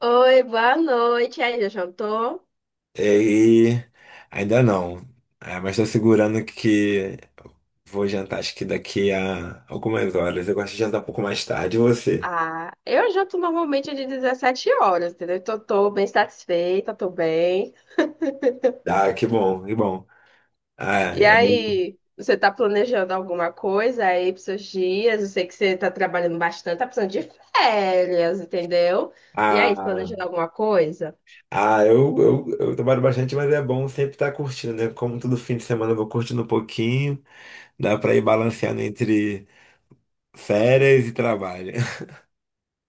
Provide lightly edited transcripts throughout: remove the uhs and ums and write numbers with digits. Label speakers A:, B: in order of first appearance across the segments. A: Oi, boa noite. E aí, já jantou?
B: É, e ainda não. É, mas estou segurando que vou jantar, acho que daqui a algumas horas. Eu gosto de jantar um pouco mais tarde. E você?
A: Ah, eu janto normalmente de 17h, entendeu? Então, tô bem satisfeita, tô bem.
B: Ah, que bom, que bom. Ah,
A: E
B: é,
A: aí, você tá planejando alguma coisa aí pros seus dias? Eu sei que você tá trabalhando bastante, tá precisando de férias, entendeu? E aí,
B: ah,
A: planejando alguma coisa?
B: eu trabalho bastante, mas é bom sempre estar curtindo, né? Como todo fim de semana eu vou curtindo um pouquinho, dá para ir balanceando entre férias e trabalho.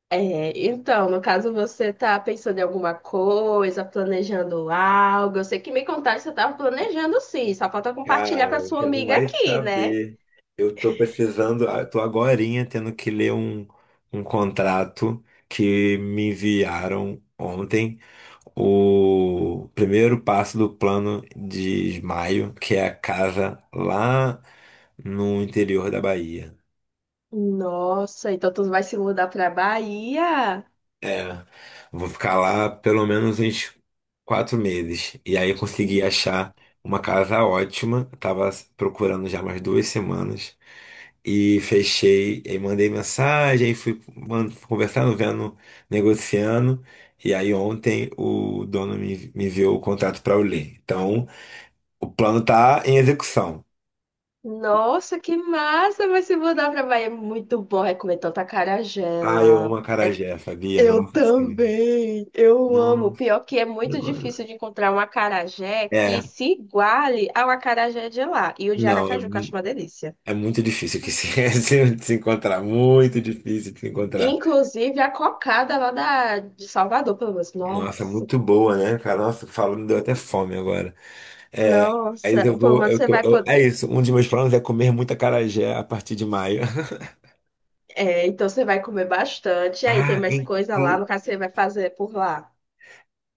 A: É, então, no caso, você tá pensando em alguma coisa, planejando algo. Eu sei que me contaram que você tava planejando sim, só falta compartilhar com a
B: Cara,
A: sua
B: você não
A: amiga
B: vai
A: aqui, né?
B: saber. Eu tô precisando, eu tô agorinha tendo que ler um contrato que me enviaram ontem. O primeiro passo do plano de Ismaio, que é a casa lá no interior da Bahia.
A: Nossa, então tu vai se mudar pra Bahia?
B: É, vou ficar lá pelo menos uns 4 meses. E aí eu consegui achar uma casa ótima. Tava procurando já mais 2 semanas. E fechei, e mandei mensagem, aí conversando, vendo, negociando. E aí ontem o dono me enviou o contrato para eu ler. Então, o plano tá em execução.
A: Nossa, que massa! Vai se mudar pra Bahia. É muito bom. É comer tanta acarajé
B: Ah, eu amo
A: lá. É,
B: acarajé, sabia?
A: eu
B: Nossa senhora.
A: também. Eu amo.
B: Nossa
A: Pior que é muito
B: senhora.
A: difícil de encontrar um acarajé que
B: É,
A: se iguale ao acarajé de lá. E o de
B: não, é
A: Aracaju, que eu acho uma delícia.
B: É muito difícil que se, se encontrar, muito difícil de se encontrar.
A: Inclusive a cocada lá de Salvador, pelo menos.
B: Nossa,
A: Nossa,
B: muito boa, né, cara? Nossa, falando, deu até fome agora. É, aí
A: nossa.
B: eu
A: Pelo
B: vou,
A: menos
B: eu
A: você
B: tô,
A: vai
B: eu- é
A: poder.
B: isso, um dos meus planos é comer muita acarajé a partir de maio.
A: É, então você vai comer bastante. Aí tem
B: Ah,
A: mais coisa lá,
B: inclu-
A: no caso você vai fazer por lá.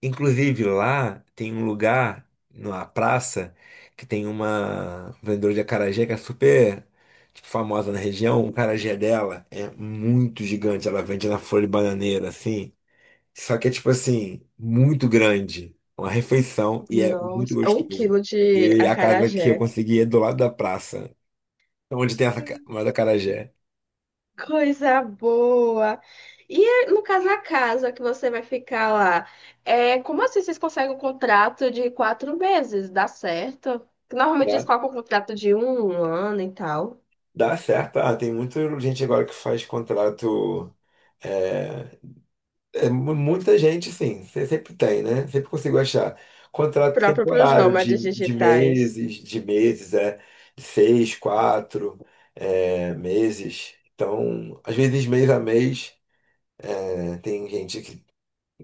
B: Inclusive lá tem um lugar, numa praça, que tem uma vendedora de acarajé que é super, tipo, famosa na região. O acarajé dela é muito gigante, ela vende na folha de bananeira, assim. Só que é tipo assim, muito grande. Uma refeição e é muito
A: Nossa, um
B: gostoso.
A: quilo de
B: E a casa que eu
A: acarajé.
B: consegui é do lado da praça, onde tem uma do acarajé.
A: Coisa boa! E é, no caso, a casa que você vai ficar lá, é, como assim vocês conseguem um contrato de 4 meses? Dá certo? Normalmente eles
B: Dá,
A: colocam um contrato de um ano e tal,
B: dá certo. Ah, tem muita gente agora que faz contrato. É, muita gente, sim. Você sempre tem, né? Sempre consigo achar. Contrato
A: próprio para os
B: temporário
A: nômades digitais.
B: de meses, é. De seis, quatro, é, meses. Então, às vezes mês a mês, né? Tem gente que...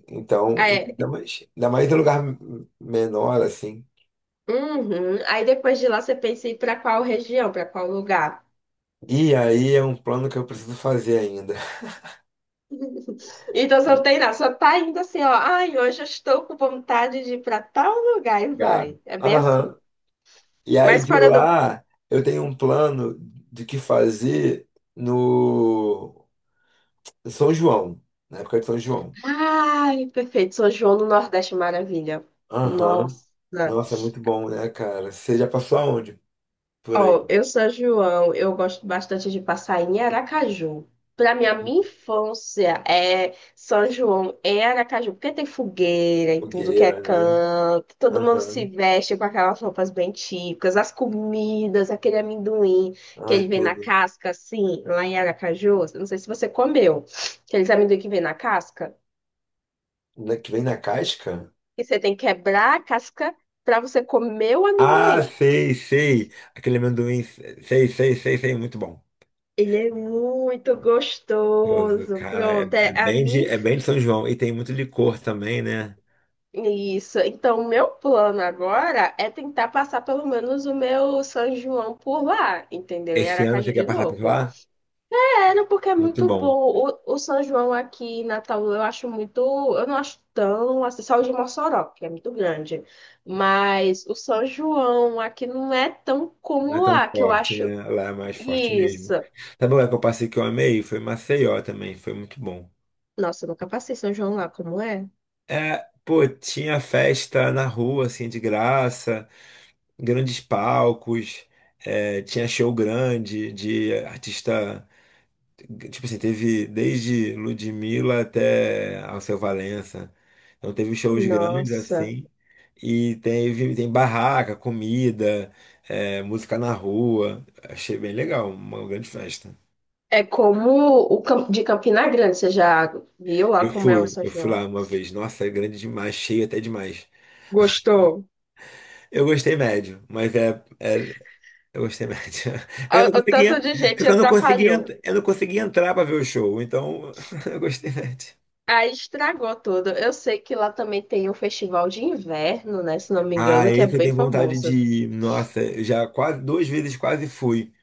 B: Então,
A: É,
B: ainda mais em lugar menor, assim.
A: uhum. Aí depois de lá você pensa em ir para qual região, para qual lugar.
B: E aí é um plano que eu preciso fazer ainda.
A: Então você não tem nada, só tá indo assim, ó. Ai, hoje eu estou com vontade de ir pra tal lugar e
B: Lugar.
A: vai. É bem assim.
B: Aham. E aí
A: Mas
B: de
A: fora do.
B: lá, eu tenho um plano de que fazer no São João, na época de São João.
A: Ai, perfeito. São João no Nordeste, maravilha.
B: Aham.
A: Nossa.
B: Nossa, é muito bom, né, cara? Você já passou aonde? Por aí.
A: Ó, eu sou João, eu gosto bastante de passar em Aracaju. Para mim, a minha infância é São João em Aracaju, porque tem fogueira e tudo que é
B: Fogueira, né?
A: canto, todo mundo se
B: Aham.
A: veste com aquelas roupas bem típicas, as comidas, aquele amendoim que
B: Ai,
A: ele vem na
B: tudo.
A: casca, assim, lá em Aracaju. Eu não sei se você comeu, aqueles amendoim que vem na casca,
B: Que vem na casca?
A: que você tem que quebrar a casca para você comer o
B: Ah,
A: amendoim.
B: sei, sei. Aquele amendoim, sei, sei, sei, sei, muito bom.
A: Ele é muito
B: Gostoso.
A: gostoso.
B: Cara, é,
A: Pronto, é a minha.
B: é bem de São João. E tem muito licor também, né?
A: Isso. Então, o meu plano agora é tentar passar pelo menos o meu São João por lá, entendeu? Em
B: Esse ano você
A: Aracaju
B: quer
A: de
B: passar por
A: novo.
B: lá?
A: Sério, porque é
B: Muito
A: muito bom.
B: bom.
A: O São João aqui em Natal eu acho muito. Eu não acho tão. Assim, só o de Mossoró, que é muito grande. Mas o São João aqui não é tão
B: Não é
A: como
B: tão
A: lá, que eu
B: forte,
A: acho.
B: né? Lá é mais forte
A: Isso.
B: mesmo. Sabe o lugar que eu passei que eu amei? Foi Maceió também, foi muito bom.
A: Nossa, eu nunca passei São João lá, como é?
B: É, pô, tinha festa na rua, assim, de graça, grandes palcos, é, tinha show grande de artista. Tipo assim, teve desde Ludmilla até Alceu Valença. Então teve shows grandes
A: Nossa.
B: assim. E teve, tem barraca, comida, é, música na rua. Achei bem legal, uma grande festa.
A: É como o de Campina Grande, você já viu lá como é o São
B: Eu fui
A: João?
B: lá uma vez. Nossa, é grande demais, cheio até demais.
A: Gostou?
B: Eu gostei médio, eu gostei médio. Eu não
A: O
B: conseguia,
A: tanto de gente atrapalhou.
B: eu não conseguia entrar pra ver o show, então eu gostei médio.
A: Aí estragou tudo. Eu sei que lá também tem um festival de inverno, né? Se não me
B: Ah,
A: engano, que é
B: esse eu
A: bem
B: tenho vontade de
A: famoso.
B: ir. Nossa, eu já quase duas vezes quase fui.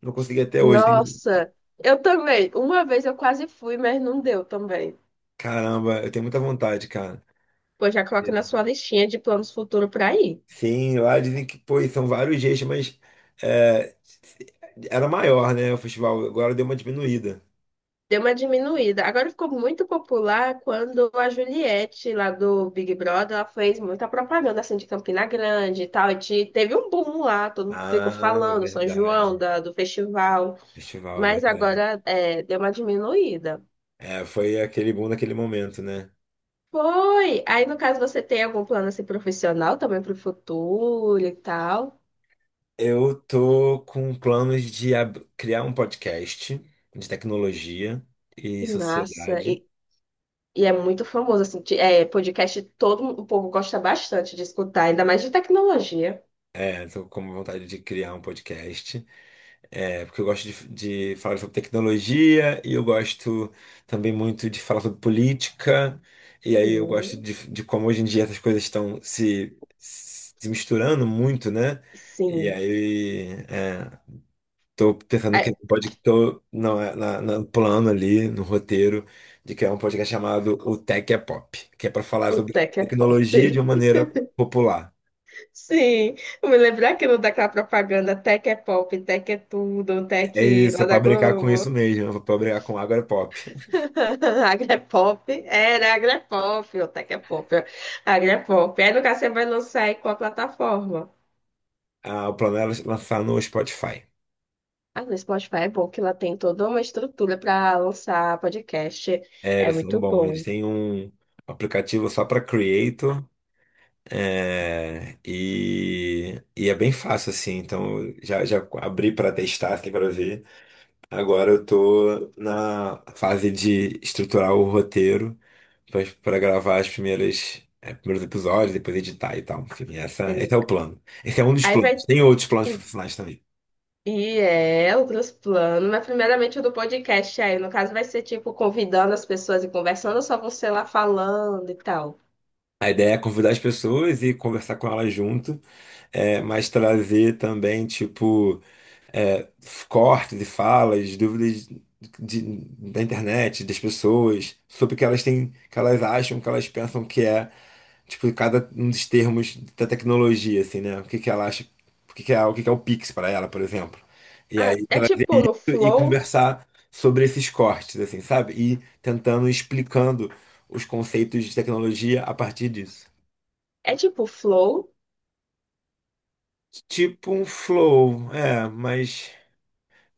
B: Não consegui até hoje.
A: Nossa, eu também. Uma vez eu quase fui, mas não deu também.
B: Caramba, eu tenho muita vontade, cara.
A: Pois já coloque na sua listinha de planos futuros para ir.
B: Sim, lá dizem que, pô, são vários jeitos, mas é, era maior, né, o festival. Agora deu uma diminuída.
A: Deu uma diminuída. Agora ficou muito popular quando a Juliette, lá do Big Brother, ela fez muita propaganda assim de Campina Grande e tal. E teve um boom lá, todo mundo ficou
B: Ah,
A: falando, São João,
B: verdade.
A: do festival.
B: Festival, é
A: Mas
B: verdade.
A: agora é, deu uma diminuída.
B: É, foi aquele boom naquele momento, né?
A: Foi! Aí, no caso, você tem algum plano assim, profissional também para o futuro e tal?
B: Eu tô com planos de criar um podcast de tecnologia e
A: Que massa!
B: sociedade.
A: E é muito famoso, assim, podcast todo o povo gosta bastante de escutar, ainda mais de tecnologia.
B: Estou com vontade de criar um podcast, é, porque eu gosto de falar sobre tecnologia e eu gosto também muito de falar sobre política. E aí eu gosto
A: Hum,
B: de como hoje em dia essas coisas estão se misturando muito, né? E
A: Sim.
B: aí estou pensando
A: Ai,
B: que pode... estou no plano ali, no roteiro, de criar um podcast chamado O Tech é Pop, que é para falar
A: o
B: sobre
A: Tech é pop.
B: tecnologia de uma maneira popular.
A: Sim, eu me lembro daquilo daquela propaganda Tech é pop, Tech é tudo,
B: É
A: Tech
B: isso, é
A: lá
B: pra
A: da
B: brincar com isso
A: Globo.
B: mesmo, é pra brincar com Agora é Pop.
A: Agrepop, era Agrepop, o Tech é pop, Agrepop. Aí no caso você vai lançar em qual plataforma?
B: Ah, o plano era lançar no Spotify.
A: Ah, no Spotify é bom que ela tem toda uma estrutura para lançar podcast.
B: É,
A: É
B: eles são
A: muito
B: bons, eles
A: bom.
B: têm um aplicativo só pra Creator, é, e é bem fácil assim, então eu já, já abri pra testar, assim, pra ver. Agora eu tô na fase de estruturar o roteiro pra pra gravar as primeiras. É, primeiros episódios, depois editar e tal. Enfim, essa, esse
A: Tem-
B: é o plano. Esse é um dos
A: Aí vai.
B: planos. Tem outros planos profissionais também.
A: E outros planos, mas primeiramente o do podcast aí, no caso vai ser tipo convidando as pessoas e conversando, ou só você lá falando e tal.
B: A ideia é convidar as pessoas e conversar com elas junto, é, mas trazer também, tipo, é, cortes e falas, dúvidas da internet, das pessoas, sobre o que elas têm, que elas acham, que elas pensam que é, tipo, cada um dos termos da tecnologia, assim, né? O que que ela acha, o que que é, o que que é o Pix para ela, por exemplo. E
A: Ah,
B: aí
A: é
B: trazer
A: tipo
B: isso
A: no
B: e
A: Flow?
B: conversar sobre esses cortes, assim, sabe? E tentando explicando os conceitos de tecnologia a partir disso.
A: É tipo Flow?
B: Tipo um flow, é, mas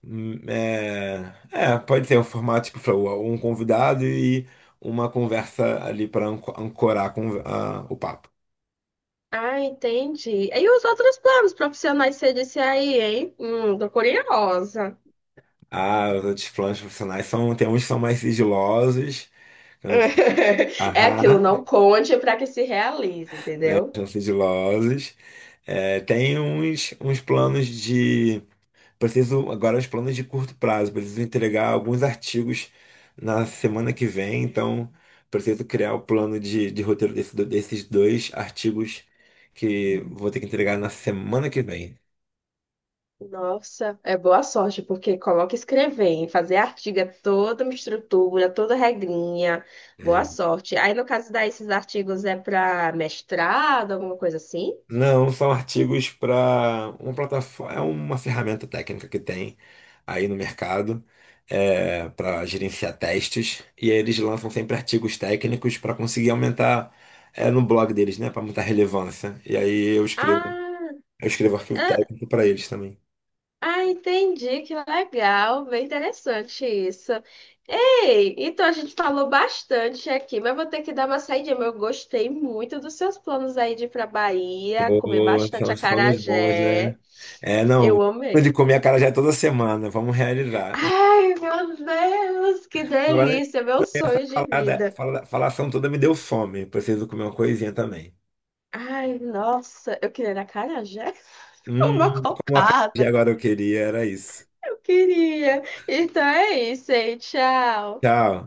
B: é, é, pode ser um formato tipo flow, um convidado e uma conversa ali para ancorar com, o papo.
A: Ah, entendi. E os outros planos profissionais que você disse aí, hein? Tô curiosa.
B: Ah, os outros planos profissionais são, tem uns que são mais sigilosos, que não-
A: É aquilo,
B: aham,
A: não conte para que se realize, entendeu?
B: são sigilosos. É, tem uns, uns planos de... Preciso agora os planos de curto prazo, preciso entregar alguns artigos na semana que vem, então preciso criar o plano de roteiro desses dois artigos que vou ter que entregar na semana que vem.
A: Nossa, é boa sorte, porque coloca escrever, hein? Fazer artigo é toda uma estrutura, toda regrinha. Boa
B: É.
A: sorte. Aí, no caso daí, esses artigos é para mestrado, alguma coisa assim?
B: Não, são artigos para uma plataforma, é uma ferramenta técnica que tem aí no mercado para gerenciar testes e aí eles lançam sempre artigos técnicos para conseguir aumentar é, no blog deles, né, para aumentar a relevância. E aí eu escrevo...
A: Ah,
B: Eu escrevo arquivo
A: ah,
B: técnico para eles também.
A: ah, entendi, que legal, bem interessante isso. Ei, então a gente falou bastante aqui, mas vou ter que dar uma saída. Mas eu gostei muito dos seus planos aí de ir pra Bahia, comer
B: Pô,
A: bastante
B: estamos falando bons, né?
A: acarajé.
B: É, não.
A: Eu amei.
B: De comer a cara já é toda semana, vamos realizar.
A: Ai, meu Deus, que
B: Falar,
A: delícia, meu sonho de vida.
B: Falar, falação toda me deu fome. Preciso comer uma coisinha também.
A: Ai, nossa, eu queria acarajé,
B: Hum,
A: uma
B: como a cara de
A: cocada,
B: agora eu queria, era isso.
A: eu queria. Então é isso aí, tchau.
B: Tchau.